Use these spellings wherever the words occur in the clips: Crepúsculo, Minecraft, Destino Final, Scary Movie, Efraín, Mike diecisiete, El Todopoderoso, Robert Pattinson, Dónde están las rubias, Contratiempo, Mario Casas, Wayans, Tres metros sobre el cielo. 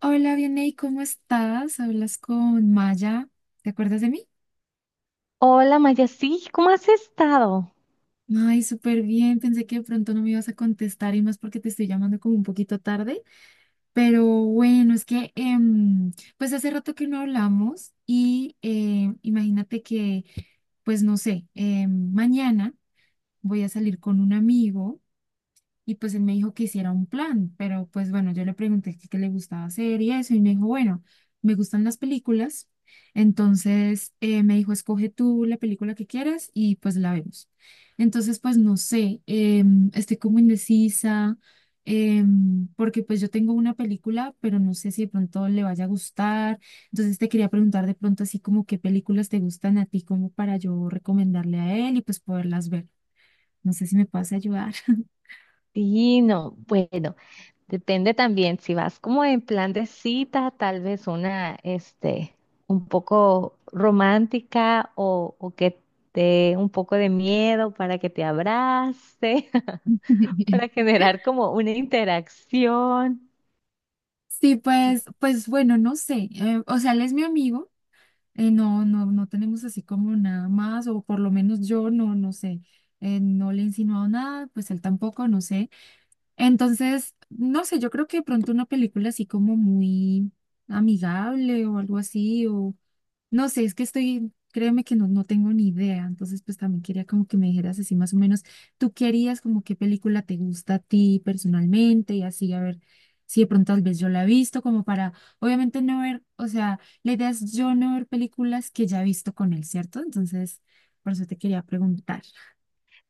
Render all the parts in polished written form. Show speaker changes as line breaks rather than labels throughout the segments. Hola, Vianey, ¿cómo estás? Hablas con Maya. ¿Te acuerdas de mí?
Hola Maya, sí, ¿cómo has estado?
Ay, súper bien. Pensé que de pronto no me ibas a contestar y más porque te estoy llamando como un poquito tarde. Pero bueno, es que pues hace rato que no hablamos y imagínate que, pues no sé, mañana voy a salir con un amigo. Y pues él me dijo que hiciera un plan, pero pues bueno, yo le pregunté qué le gustaba hacer y eso, y me dijo, bueno, me gustan las películas. Entonces, me dijo, escoge tú la película que quieras y pues la vemos. Entonces, pues no sé, estoy como indecisa, porque pues yo tengo una película, pero no sé si de pronto le vaya a gustar, entonces te quería preguntar de pronto así como qué películas te gustan a ti, como para yo recomendarle a él y pues poderlas ver. No sé si me puedes ayudar.
Sí, no, bueno, depende también, si vas como en plan de cita, tal vez una, este, un poco romántica o que te dé un poco de miedo para que te abrace, para generar como una interacción.
Sí,
Fí-
pues bueno, no sé. O sea, él es mi amigo. No, no, no tenemos así como nada más, o por lo menos yo no, no sé. No le he insinuado nada, pues él tampoco, no sé. Entonces, no sé, yo creo que de pronto una película así como muy amigable o algo así, o no sé, es que estoy, créeme que no, no tengo ni idea, entonces pues también quería como que me dijeras así más o menos, tú qué harías, como qué película te gusta a ti personalmente y así, a ver si de pronto tal vez yo la he visto, como para, obviamente no ver, o sea, la idea es yo no ver películas que ya he visto con él, ¿cierto? Entonces, por eso te quería preguntar.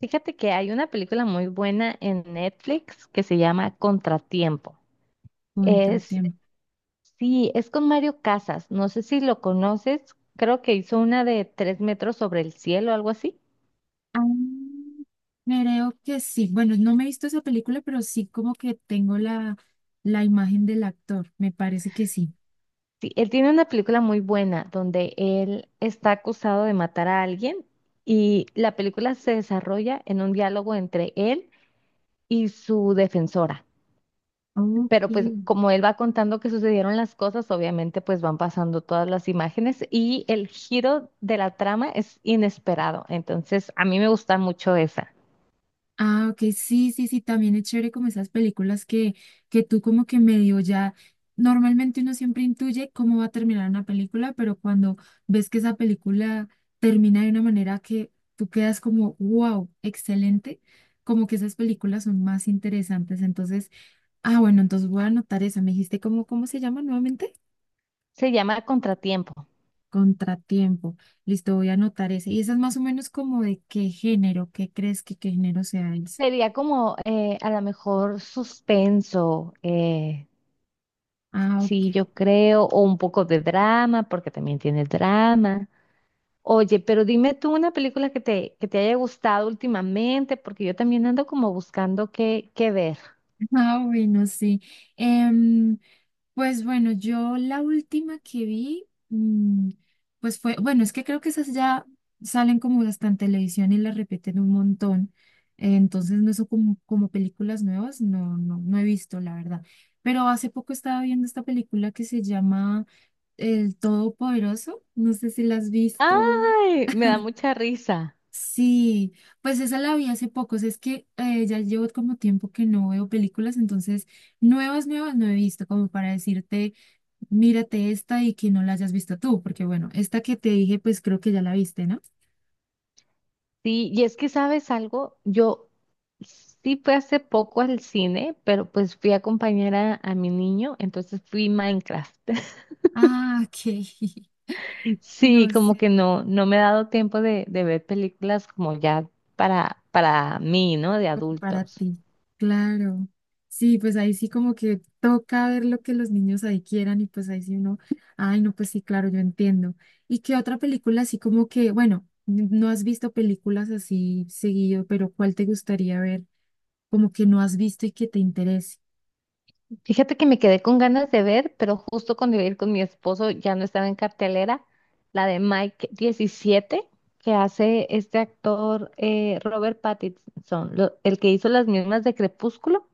Fíjate que hay una película muy buena en Netflix que se llama Contratiempo.
Contratiempo.
Sí, es con Mario Casas. No sé si lo conoces. Creo que hizo una de Tres metros sobre el cielo, algo así.
Ah, creo que sí. Bueno, no me he visto esa película, pero sí como que tengo la imagen del actor. Me parece que sí.
Sí, él tiene una película muy buena donde él está acusado de matar a alguien y la película se desarrolla en un diálogo entre él y su defensora.
Ok.
Pero pues como él va contando que sucedieron las cosas, obviamente pues van pasando todas las imágenes y el giro de la trama es inesperado. Entonces a mí me gusta mucho esa.
Ah, ok, sí, sí, sí, también es chévere como esas películas que tú como que medio ya, normalmente uno siempre intuye cómo va a terminar una película, pero cuando ves que esa película termina de una manera que tú quedas como, wow, excelente, como que esas películas son más interesantes. Entonces, ah, bueno, entonces voy a anotar esa. Me dijiste cómo se llama nuevamente.
Se llama Contratiempo.
Contratiempo. Listo, voy a anotar esa. Y esa es más o menos como de qué género, qué crees que qué género sea esa.
Sería como a lo mejor suspenso,
Ah,
sí,
ok.
yo creo, o un poco de drama, porque también tiene drama. Oye, pero dime tú una película que te haya gustado últimamente, porque yo también ando como buscando qué ver.
Ah, bueno, sí. Em, Pues bueno, yo la última que vi, pues fue, bueno, es que creo que esas ya salen como hasta en televisión y las repiten un montón. Entonces no son como películas nuevas, no, no, no he visto, la verdad. Pero hace poco estaba viendo esta película que se llama El Todopoderoso. No sé si la has visto.
¡Ay! Me da mucha risa.
Sí, pues esa la vi hace poco. O sea, es que ya llevo como tiempo que no veo películas. Entonces nuevas, nuevas no he visto, como para decirte. Mírate esta y que no la hayas visto tú, porque bueno, esta que te dije, pues creo que ya la viste, ¿no?
Sí, y es que sabes algo, yo sí fui hace poco al cine, pero pues fui a acompañar a mi niño, entonces fui Minecraft.
Ah, ok.
Sí,
No
como
sé,
que no me he dado tiempo de ver películas como ya para mí, ¿no? De
para
adultos.
ti. Claro. Sí, pues ahí sí como que toca ver lo que los niños ahí quieran y pues ahí sí uno, ay, no, pues sí, claro, yo entiendo. ¿Y qué otra película así como que, bueno, no has visto películas así seguido, pero cuál te gustaría ver como que no has visto y que te interese?
Fíjate que me quedé con ganas de ver, pero justo cuando iba a ir con mi esposo ya no estaba en cartelera, la de Mike 17 que hace este actor Robert Pattinson, el que hizo las mismas de Crepúsculo.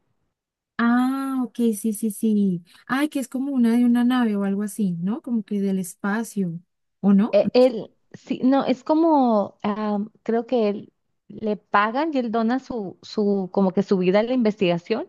Ah, ok, sí, sí, sí. Ay, que es como una de una nave o algo así, ¿no? Como que del espacio, ¿o no?
Él, sí, no, es como, ah, creo que él le pagan y él dona como que su vida a la investigación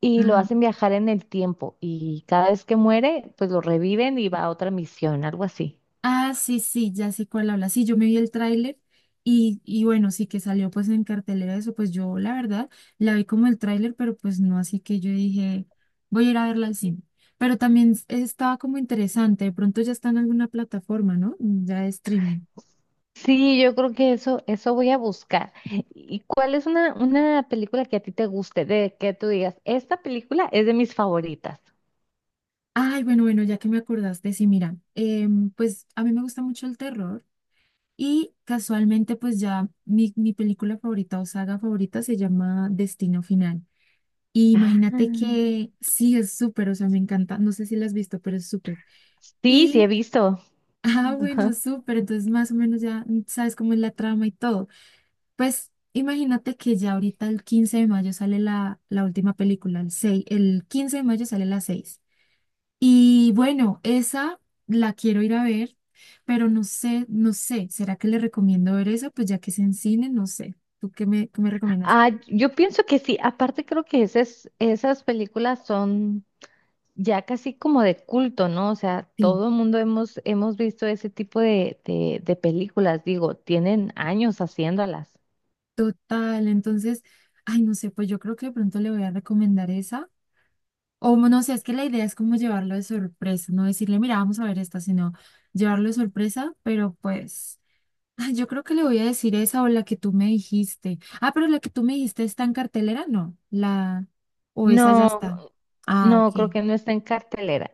y lo
Ah,
hacen viajar en el tiempo y cada vez que muere, pues lo reviven y va a otra misión, algo así.
sí, sí, ya sé cuál habla. Sí, yo me vi el tráiler y bueno, sí que salió pues en cartelera eso, pues yo la verdad la vi como el tráiler, pero pues no, así que yo dije, voy a ir a verla al cine. Pero también estaba como interesante. De pronto ya está en alguna plataforma, ¿no? Ya de streaming.
Sí, yo creo que eso voy a buscar. ¿Y cuál es una película que a ti te guste, de que tú digas, esta película es de mis favoritas?
Ay, bueno, bueno, ya que me acordaste, sí, mira, pues a mí me gusta mucho el terror. Y casualmente, pues ya mi película favorita o saga favorita se llama Destino Final. Y
Ah,
imagínate que sí, es súper, o sea, me encanta. No sé si la has visto, pero es súper.
sí, sí
Y,
he visto.
ah, bueno,
Ajá.
súper. Entonces, más o menos ya sabes cómo es la trama y todo. Pues imagínate que ya ahorita el 15 de mayo sale la última película, el seis. El 15 de mayo sale la 6 y bueno, esa la quiero ir a ver, pero no sé, no sé, ¿será que le recomiendo ver esa? Pues ya que es en cine, no sé. ¿Tú qué me recomiendas?
Ah, yo pienso que sí. Aparte creo que esas películas son ya casi como de culto, ¿no? O sea,
Sí,
todo el mundo hemos visto ese tipo de películas, digo, tienen años haciéndolas.
total. Entonces, ay, no sé, pues yo creo que de pronto le voy a recomendar esa. O no sé, es que la idea es como llevarlo de sorpresa, no decirle, mira, vamos a ver esta, sino llevarlo de sorpresa, pero pues, ay, yo creo que le voy a decir esa o la que tú me dijiste. Ah, pero la que tú me dijiste está en cartelera, no, la, o esa ya
No,
está. Ah, ok.
no, creo que no está en cartelera.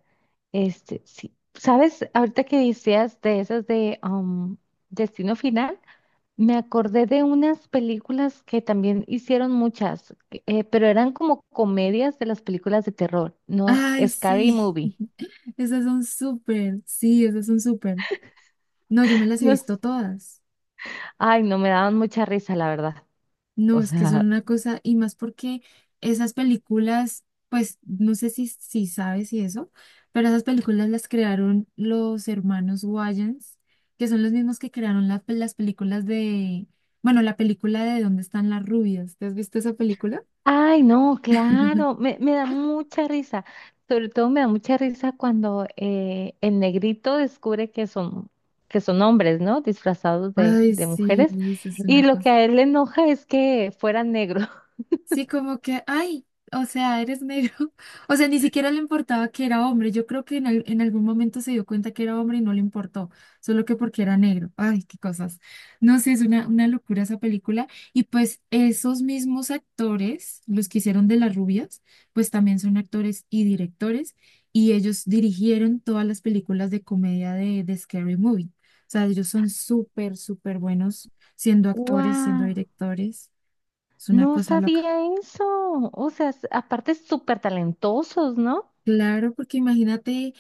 Este, sí. ¿Sabes? Ahorita que decías de esas de Destino Final, me acordé de unas películas que también hicieron muchas, pero eran como comedias de las películas de terror, ¿no?
Ay,
Scary
sí.
Movie.
Esas son súper. Sí, esas son súper. No, yo me las he
No,
visto todas.
ay, no, me daban mucha risa, la verdad.
No,
O
es que son
sea,
una cosa, y más porque esas películas, pues no sé si sabes y eso, pero esas películas las crearon los hermanos Wayans, que son los mismos que crearon las películas de, bueno, la película de ¿Dónde están las rubias? ¿Te has visto esa película?
ay, no, claro, me da mucha risa. Sobre todo me da mucha risa cuando el negrito descubre que son hombres, ¿no? Disfrazados
Ay,
de
sí,
mujeres.
eso es
Y
una
lo que
cosa.
a él le enoja es que fueran negros.
Sí, como que, ay, o sea, eres negro. O sea, ni siquiera le importaba que era hombre. Yo creo que en algún momento se dio cuenta que era hombre y no le importó, solo que porque era negro. Ay, qué cosas. No sé, es una locura esa película. Y pues esos mismos actores, los que hicieron de las rubias, pues también son actores y directores y ellos dirigieron todas las películas de comedia de Scary Movie. O sea, ellos son súper, súper buenos siendo actores, siendo
¡Guau!
directores. Es una
No
cosa loca.
sabía eso. O sea, aparte súper talentosos, ¿no?
Claro, porque imagínate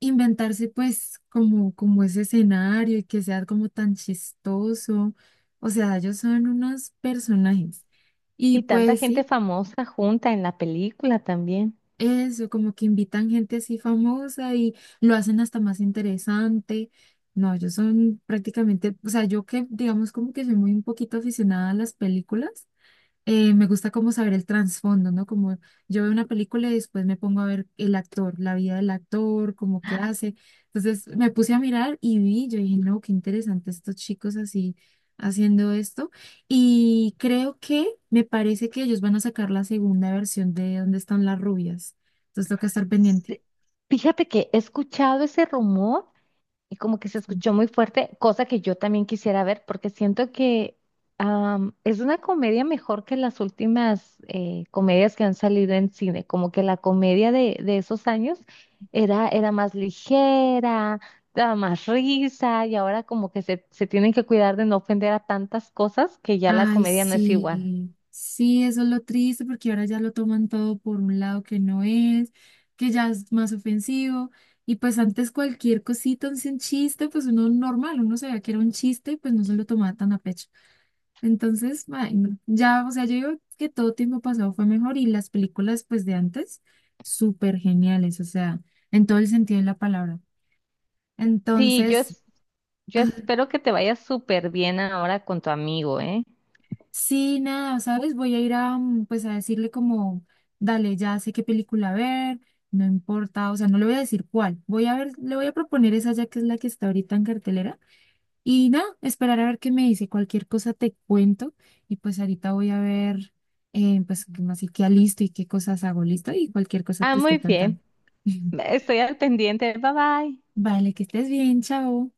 inventarse pues como ese escenario y que sea como tan chistoso. O sea, ellos son unos personajes. Y
Y tanta
pues
gente
sí,
famosa junta en la película también.
eso, como que invitan gente así famosa y lo hacen hasta más interesante. No, ellos son prácticamente, o sea, yo que digamos como que soy muy un poquito aficionada a las películas. Me gusta como saber el trasfondo, ¿no? Como yo veo una película y después me pongo a ver el actor, la vida del actor, como qué hace. Entonces me puse a mirar y vi, yo dije, no, qué interesante estos chicos así haciendo esto. Y creo que me parece que ellos van a sacar la segunda versión de ¿Dónde están las rubias? Entonces toca estar pendiente.
Sí, fíjate que he escuchado ese rumor y como que se escuchó muy fuerte, cosa que yo también quisiera ver porque siento que es una comedia mejor que las últimas comedias que han salido en cine, como que la comedia de esos años era más ligera, daba más risa y ahora como que se tienen que cuidar de no ofender a tantas cosas que ya la
Ay,
comedia no es igual.
sí, sí, eso es lo triste porque ahora ya lo toman todo por un lado que no es, que ya es más ofensivo. Y pues antes cualquier cosita, así un chiste, pues uno normal, uno sabía que era un chiste y pues no se lo tomaba tan a pecho. Entonces, ay, no, ya, o sea, yo digo que todo tiempo pasado fue mejor y las películas pues de antes, súper geniales, o sea, en todo el sentido de la palabra.
Sí,
Entonces...
yo
ah,
espero que te vaya súper bien ahora con tu amigo, ¿eh?
Sí, nada, ¿sabes? Voy a ir a, pues a decirle como, dale, ya sé qué película ver, no importa, o sea, no le voy a decir cuál, voy a ver, le voy a proponer esa ya que es la que está ahorita en cartelera y nada, esperar a ver qué me dice, cualquier cosa te cuento y pues ahorita voy a ver, pues como así que listo y qué cosas hago listo y cualquier cosa
Ah,
te
muy
estoy
bien.
contando.
Estoy al pendiente. Bye bye.
Vale, que estés bien, chao.